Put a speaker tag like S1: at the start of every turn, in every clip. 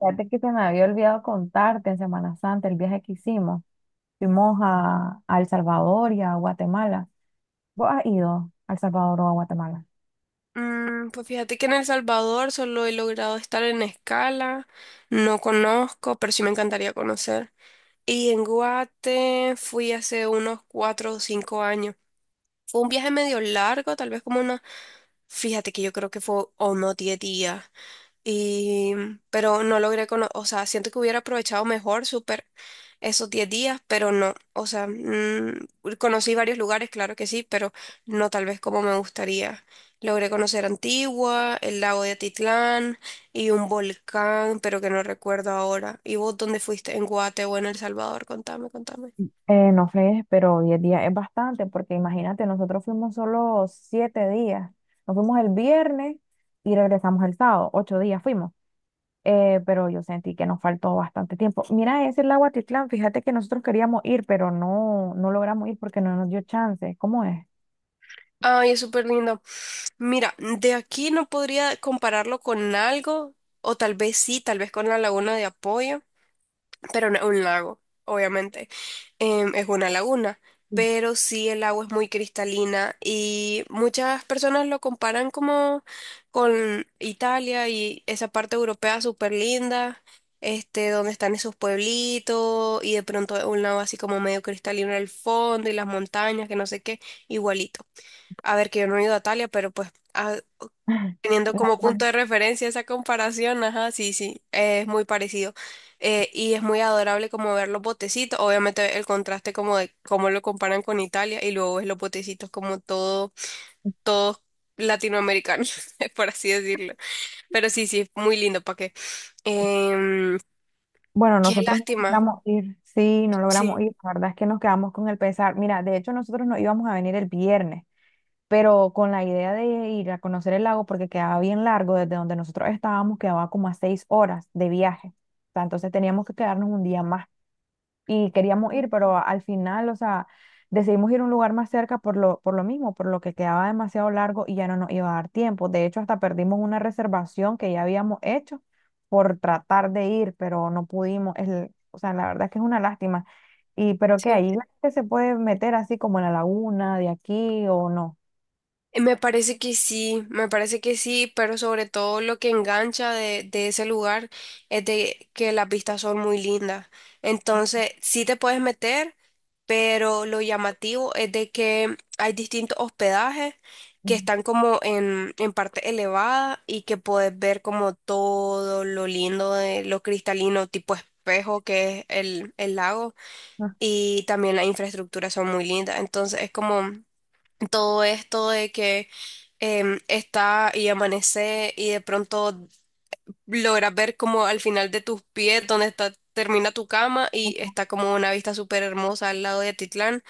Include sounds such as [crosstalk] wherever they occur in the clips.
S1: Fíjate que se me había olvidado contarte en Semana Santa el viaje que hicimos. Fuimos a El Salvador y a Guatemala. ¿Vos has ido a El Salvador o a Guatemala?
S2: Pues fíjate que en El Salvador solo he logrado estar en Escala, no conozco, pero sí me encantaría conocer. Y en Guate fui hace unos 4 o 5 años. Fue un viaje medio largo, tal vez como fíjate que yo creo que fue unos 10 días. Y, pero no logré o sea, siento que hubiera aprovechado mejor súper esos 10 días, pero no, o sea, conocí varios lugares, claro que sí, pero no tal vez como me gustaría. Logré conocer Antigua, el lago de Atitlán y un volcán, pero que no recuerdo ahora. ¿Y vos dónde fuiste? ¿En Guate o en El Salvador? Contame, contame.
S1: No sé, pero 10 días es bastante, porque imagínate, nosotros fuimos solo 7 días. Nos fuimos el viernes y regresamos el sábado, 8 días fuimos. Pero yo sentí que nos faltó bastante tiempo. Mira, ese es el Aguatitlán, fíjate que nosotros queríamos ir, pero no logramos ir porque no nos dio chance. ¿Cómo es?
S2: Ay, es súper lindo. Mira, de aquí no podría compararlo con algo, o tal vez sí, tal vez con la Laguna de Apoyo, pero no es un lago, obviamente, es una laguna,
S1: Sí.
S2: pero sí el agua es muy cristalina y muchas personas lo comparan como con Italia y esa parte europea súper linda, donde están esos pueblitos y de pronto un lago así como medio cristalino al fondo y las montañas, que no sé qué, igualito. A ver, que yo no he ido a Italia, pero pues ah,
S1: [laughs]
S2: Teniendo
S1: Es la
S2: como punto
S1: misma.
S2: de referencia esa comparación, ajá, sí, sí, es muy parecido. Y es muy adorable como ver los botecitos, obviamente el contraste como de cómo lo comparan con Italia y luego ves los botecitos como todo, todos latinoamericanos, [laughs] por así decirlo. Pero sí, sí, es muy lindo, ¿para qué? Em,
S1: Bueno,
S2: qué
S1: nosotros no [laughs]
S2: lástima,
S1: logramos ir, sí, no
S2: sí,
S1: logramos ir, la verdad es que nos quedamos con el pesar. Mira, de hecho nosotros no íbamos a venir el viernes, pero con la idea de ir a conocer el lago, porque quedaba bien largo, desde donde nosotros estábamos quedaba como a 6 horas de viaje. O sea, entonces teníamos que quedarnos un día más y queríamos ir, pero al final, o sea, decidimos ir a un lugar más cerca por lo mismo, por lo que quedaba demasiado largo y ya no nos iba a dar tiempo. De hecho, hasta perdimos una reservación que ya habíamos hecho por tratar de ir, pero no pudimos. O sea, la verdad es que es una lástima. Y, pero que
S2: sí.
S1: ahí la gente se puede meter así como en la laguna de aquí o no.
S2: Me parece que sí, me parece que sí, pero sobre todo lo que engancha de ese lugar es de que las vistas son muy lindas. Entonces, sí te puedes meter, pero lo llamativo es de que hay distintos hospedajes que están como en parte elevada y que puedes ver como todo lo lindo de lo cristalino tipo espejo que es el lago
S1: [laughs]
S2: y también las infraestructuras son muy lindas. Entonces, es como todo esto de que está y amanece y de pronto logras ver como al final de tus pies donde está, termina tu cama y
S1: Mm,
S2: está como una vista súper hermosa al lado de Atitlán.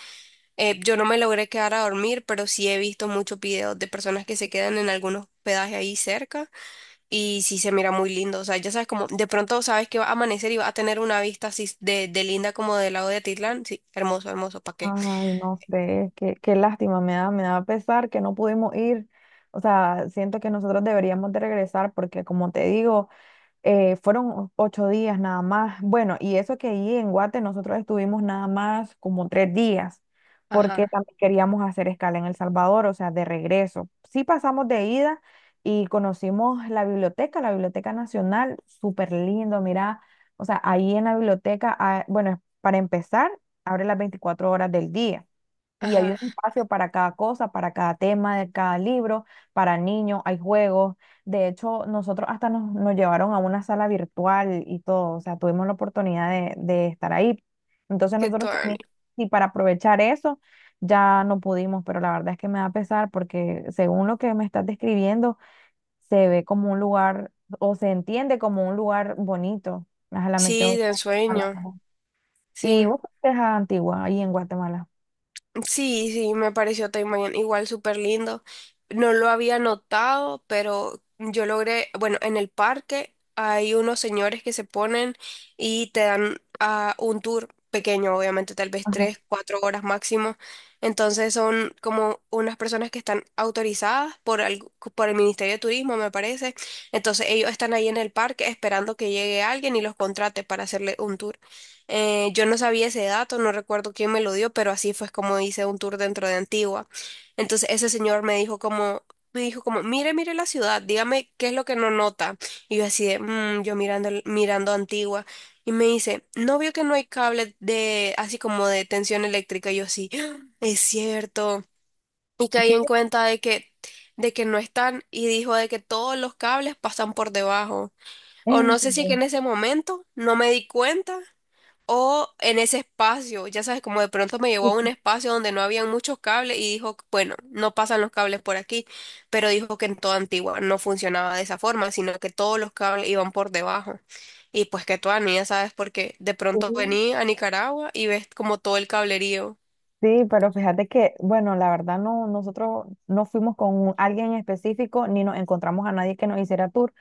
S2: Yo no me logré quedar a dormir, pero sí he visto muchos videos de personas que se quedan en algunos hospedajes ahí cerca y sí se mira muy lindo. O sea, ya sabes como de pronto sabes que va a amanecer y va a tener una vista así de linda como del lado de Atitlán. Sí, hermoso, hermoso, ¿para qué?
S1: ah, ay, no sé, qué, qué lástima, me da pesar que no pudimos ir. O sea, siento que nosotros deberíamos de regresar porque como te digo, fueron 8 días nada más. Bueno, y eso que ahí en Guate nosotros estuvimos nada más como 3 días, porque
S2: Ajá,
S1: también queríamos hacer escala en El Salvador, o sea, de regreso. Sí pasamos de ida y conocimos la Biblioteca Nacional, súper lindo, mira, o sea, ahí en la biblioteca, ah, bueno, para empezar, abre las 24 horas del día. Y hay un
S2: ajá,
S1: espacio para cada cosa, para cada tema de cada libro, para niños, hay juegos. De hecho, nosotros hasta nos llevaron a una sala virtual y todo, o sea, tuvimos la oportunidad de estar ahí. Entonces
S2: qué
S1: nosotros también,
S2: tuanis.
S1: y para aprovechar eso, ya no pudimos, pero la verdad es que me da pesar porque según lo que me estás describiendo, se ve como un lugar, o se entiende como un lugar bonito. Ojalá me
S2: Sí,
S1: quedo
S2: de
S1: con
S2: sueño.
S1: la- y
S2: Sí,
S1: vos, ¿qué es Antigua, ahí en Guatemala?
S2: sí, sí, me pareció Taimayan igual súper lindo. No lo había notado, pero yo logré, bueno, en el parque hay unos señores que se ponen y te dan un tour pequeño, obviamente, tal vez
S1: Ajá.
S2: 3, 4 horas máximo. Entonces son como unas personas que están autorizadas por el, Ministerio de Turismo, me parece. Entonces ellos están ahí en el parque esperando que llegue alguien y los contrate para hacerle un tour. Yo no sabía ese dato, no recuerdo quién me lo dio, pero así fue como hice un tour dentro de Antigua. Entonces ese señor me dijo como, mire, mire la ciudad, dígame qué es lo que no nota. Y yo así de, "Mm", yo mirando, mirando Antigua. Y me dice, ¿no vio que no hay cable de, así como de tensión eléctrica? Y yo así, "Ah, es cierto". Y
S1: Es
S2: caí en
S1: que,
S2: cuenta de que no están. Y dijo de que todos los cables pasan por debajo. O
S1: en
S2: no sé si es que
S1: serio.
S2: en ese momento no me di cuenta o en ese espacio, ya sabes, como de pronto me llevó a un
S1: Sí,
S2: espacio donde no habían muchos cables y dijo, bueno, no pasan los cables por aquí, pero dijo que en toda Antigua no funcionaba de esa forma, sino que todos los cables iban por debajo. Y pues que tú, Ani, ya sabes, porque de pronto
S1: sí,
S2: vení a Nicaragua y ves como todo el cablerío.
S1: sí, pero fíjate que, bueno, la verdad no, nosotros no fuimos con alguien en específico ni nos encontramos a nadie que nos hiciera tour,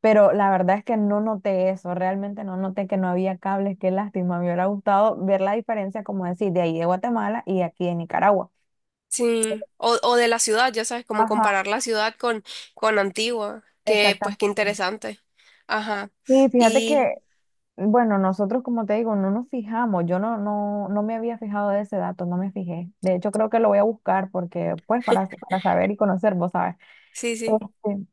S1: pero la verdad es que no noté eso, realmente no noté que no había cables, qué lástima, me hubiera gustado ver la diferencia, como decir, de ahí de Guatemala y aquí de Nicaragua.
S2: Sí, o de la ciudad, ya sabes, como
S1: Ajá,
S2: comparar la ciudad con Antigua, que pues qué
S1: exactamente.
S2: interesante. Ajá,
S1: Sí, fíjate
S2: y
S1: que, bueno, nosotros como te digo, no nos fijamos, yo no, no me había fijado de ese dato, no me fijé. De hecho, creo que lo voy a buscar porque, pues, para saber y conocer, vos sabes.
S2: sí, sí,
S1: Este,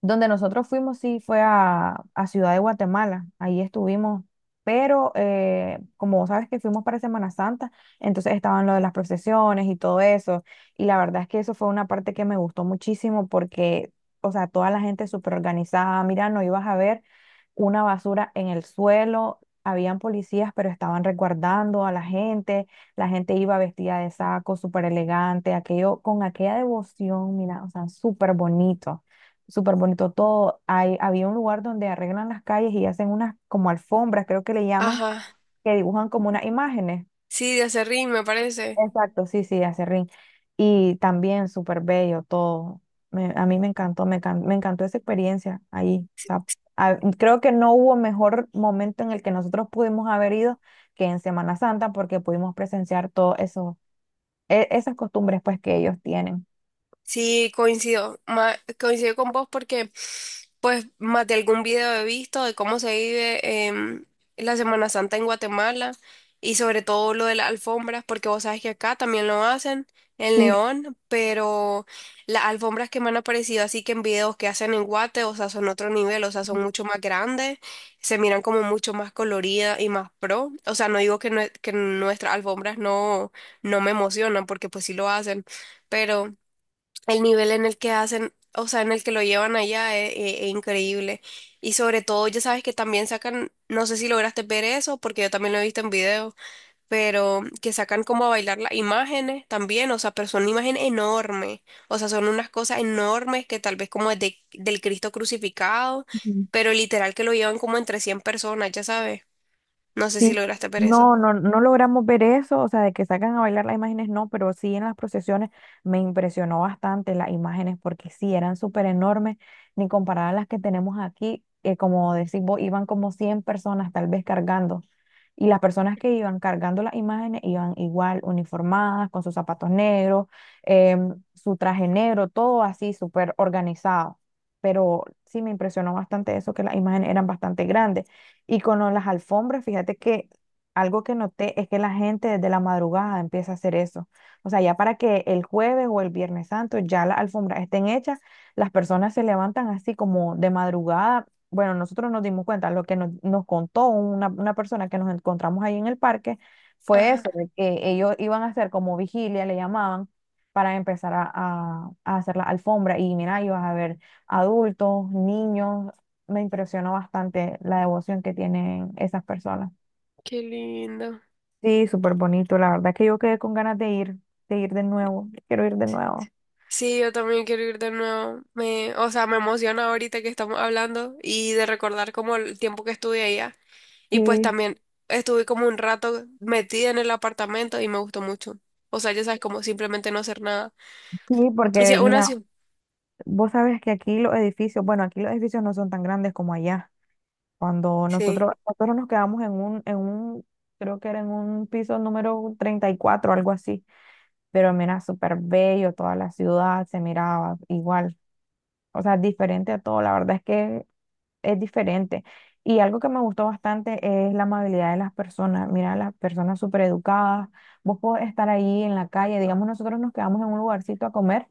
S1: donde nosotros fuimos, sí, fue a Ciudad de Guatemala, ahí estuvimos, pero como vos sabes que fuimos para Semana Santa, entonces estaban lo de las procesiones y todo eso, y la verdad es que eso fue una parte que me gustó muchísimo porque, o sea, toda la gente súper organizada, mira, no ibas a ver una basura en el suelo, habían policías, pero estaban resguardando a la gente iba vestida de saco, súper elegante, aquello, con aquella devoción, mira, o sea, súper bonito todo. Había un lugar donde arreglan las calles y hacen unas como alfombras, creo que le llaman,
S2: ajá,
S1: que dibujan como unas imágenes.
S2: sí, de Aserrín me parece.
S1: Exacto, sí, sí, hace ring. Y también súper bello todo. A mí me encantó, me, me encantó esa experiencia ahí. O sea, creo que no hubo mejor momento en el que nosotros pudimos haber ido que en Semana Santa porque pudimos presenciar todo eso, esas costumbres pues que ellos tienen.
S2: Sí, coincido, coincido con vos porque pues más de algún video he visto de cómo se vive la Semana Santa en Guatemala y sobre todo lo de las alfombras, porque vos sabes que acá también lo hacen en
S1: Sí.
S2: León, pero las alfombras que me han aparecido así que en videos que hacen en Guate, o sea, son otro nivel, o sea, son mucho más grandes, se miran como mucho más coloridas y más pro, o sea, no digo que, que nuestras alfombras no, no me emocionan porque pues sí lo hacen, pero... El nivel en el que hacen, o sea, en el que lo llevan allá es increíble. Y sobre todo, ya sabes que también sacan, no sé si lograste ver eso, porque yo también lo he visto en video, pero que sacan como a bailar las imágenes también, o sea, pero son imágenes enormes, o sea, son unas cosas enormes que tal vez como es del Cristo crucificado, pero literal que lo llevan como entre 100 personas, ya sabes. No sé
S1: Sí,
S2: si lograste ver eso.
S1: no logramos ver eso, o sea, de que sacan a bailar las imágenes, no, pero sí en las procesiones me impresionó bastante las imágenes porque sí eran súper enormes, ni comparadas a las que tenemos aquí, como decís vos, iban como 100 personas tal vez cargando, y las personas que iban cargando las imágenes iban igual uniformadas, con sus zapatos negros, su traje negro, todo así súper organizado, pero sí me impresionó bastante eso, que las imágenes eran bastante grandes. Y con las alfombras, fíjate que algo que noté es que la gente desde la madrugada empieza a hacer eso. O sea, ya para que el jueves o el viernes santo ya las alfombras estén hechas, las personas se levantan así como de madrugada. Bueno, nosotros nos dimos cuenta, lo que nos contó una persona que nos encontramos ahí en el parque fue
S2: Ajá,
S1: eso, de que ellos iban a hacer como vigilia, le llamaban, para empezar a hacer la alfombra. Y mira, ibas a ver adultos, niños, me impresionó bastante la devoción que tienen esas personas.
S2: qué lindo.
S1: Sí, súper bonito. La verdad que yo quedé con ganas de ir, de ir de nuevo. Quiero ir de nuevo.
S2: Sí, yo también quiero ir de nuevo. Me, o sea, me emociona ahorita que estamos hablando y de recordar como el tiempo que estuve allá. Y pues
S1: Sí,
S2: también estuve como un rato metida en el apartamento y me gustó mucho. O sea, ya sabes, como simplemente no hacer nada.
S1: sí,
S2: Y sí,
S1: porque
S2: una
S1: mira,
S2: ciudad.
S1: vos sabes que aquí los edificios, bueno, aquí los edificios no son tan grandes como allá. Cuando
S2: Sí,
S1: nosotros nos quedamos en en un, creo que era en un piso número 34 algo así. Pero mira, súper bello, toda la ciudad se miraba igual. O sea, diferente a todo. La verdad es que es diferente. Y algo que me gustó bastante es la amabilidad de las personas. Mira, las personas súper educadas. Vos podés estar ahí en la calle, digamos, nosotros nos quedamos en un lugarcito a comer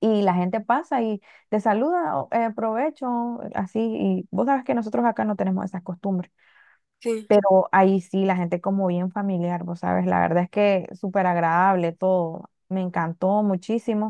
S1: y la gente pasa y te saluda, o, provecho, así. Y vos sabes que nosotros acá no tenemos esas costumbres,
S2: sí.
S1: pero ahí sí, la gente como bien familiar, vos sabes, la verdad es que súper agradable todo. Me encantó muchísimo.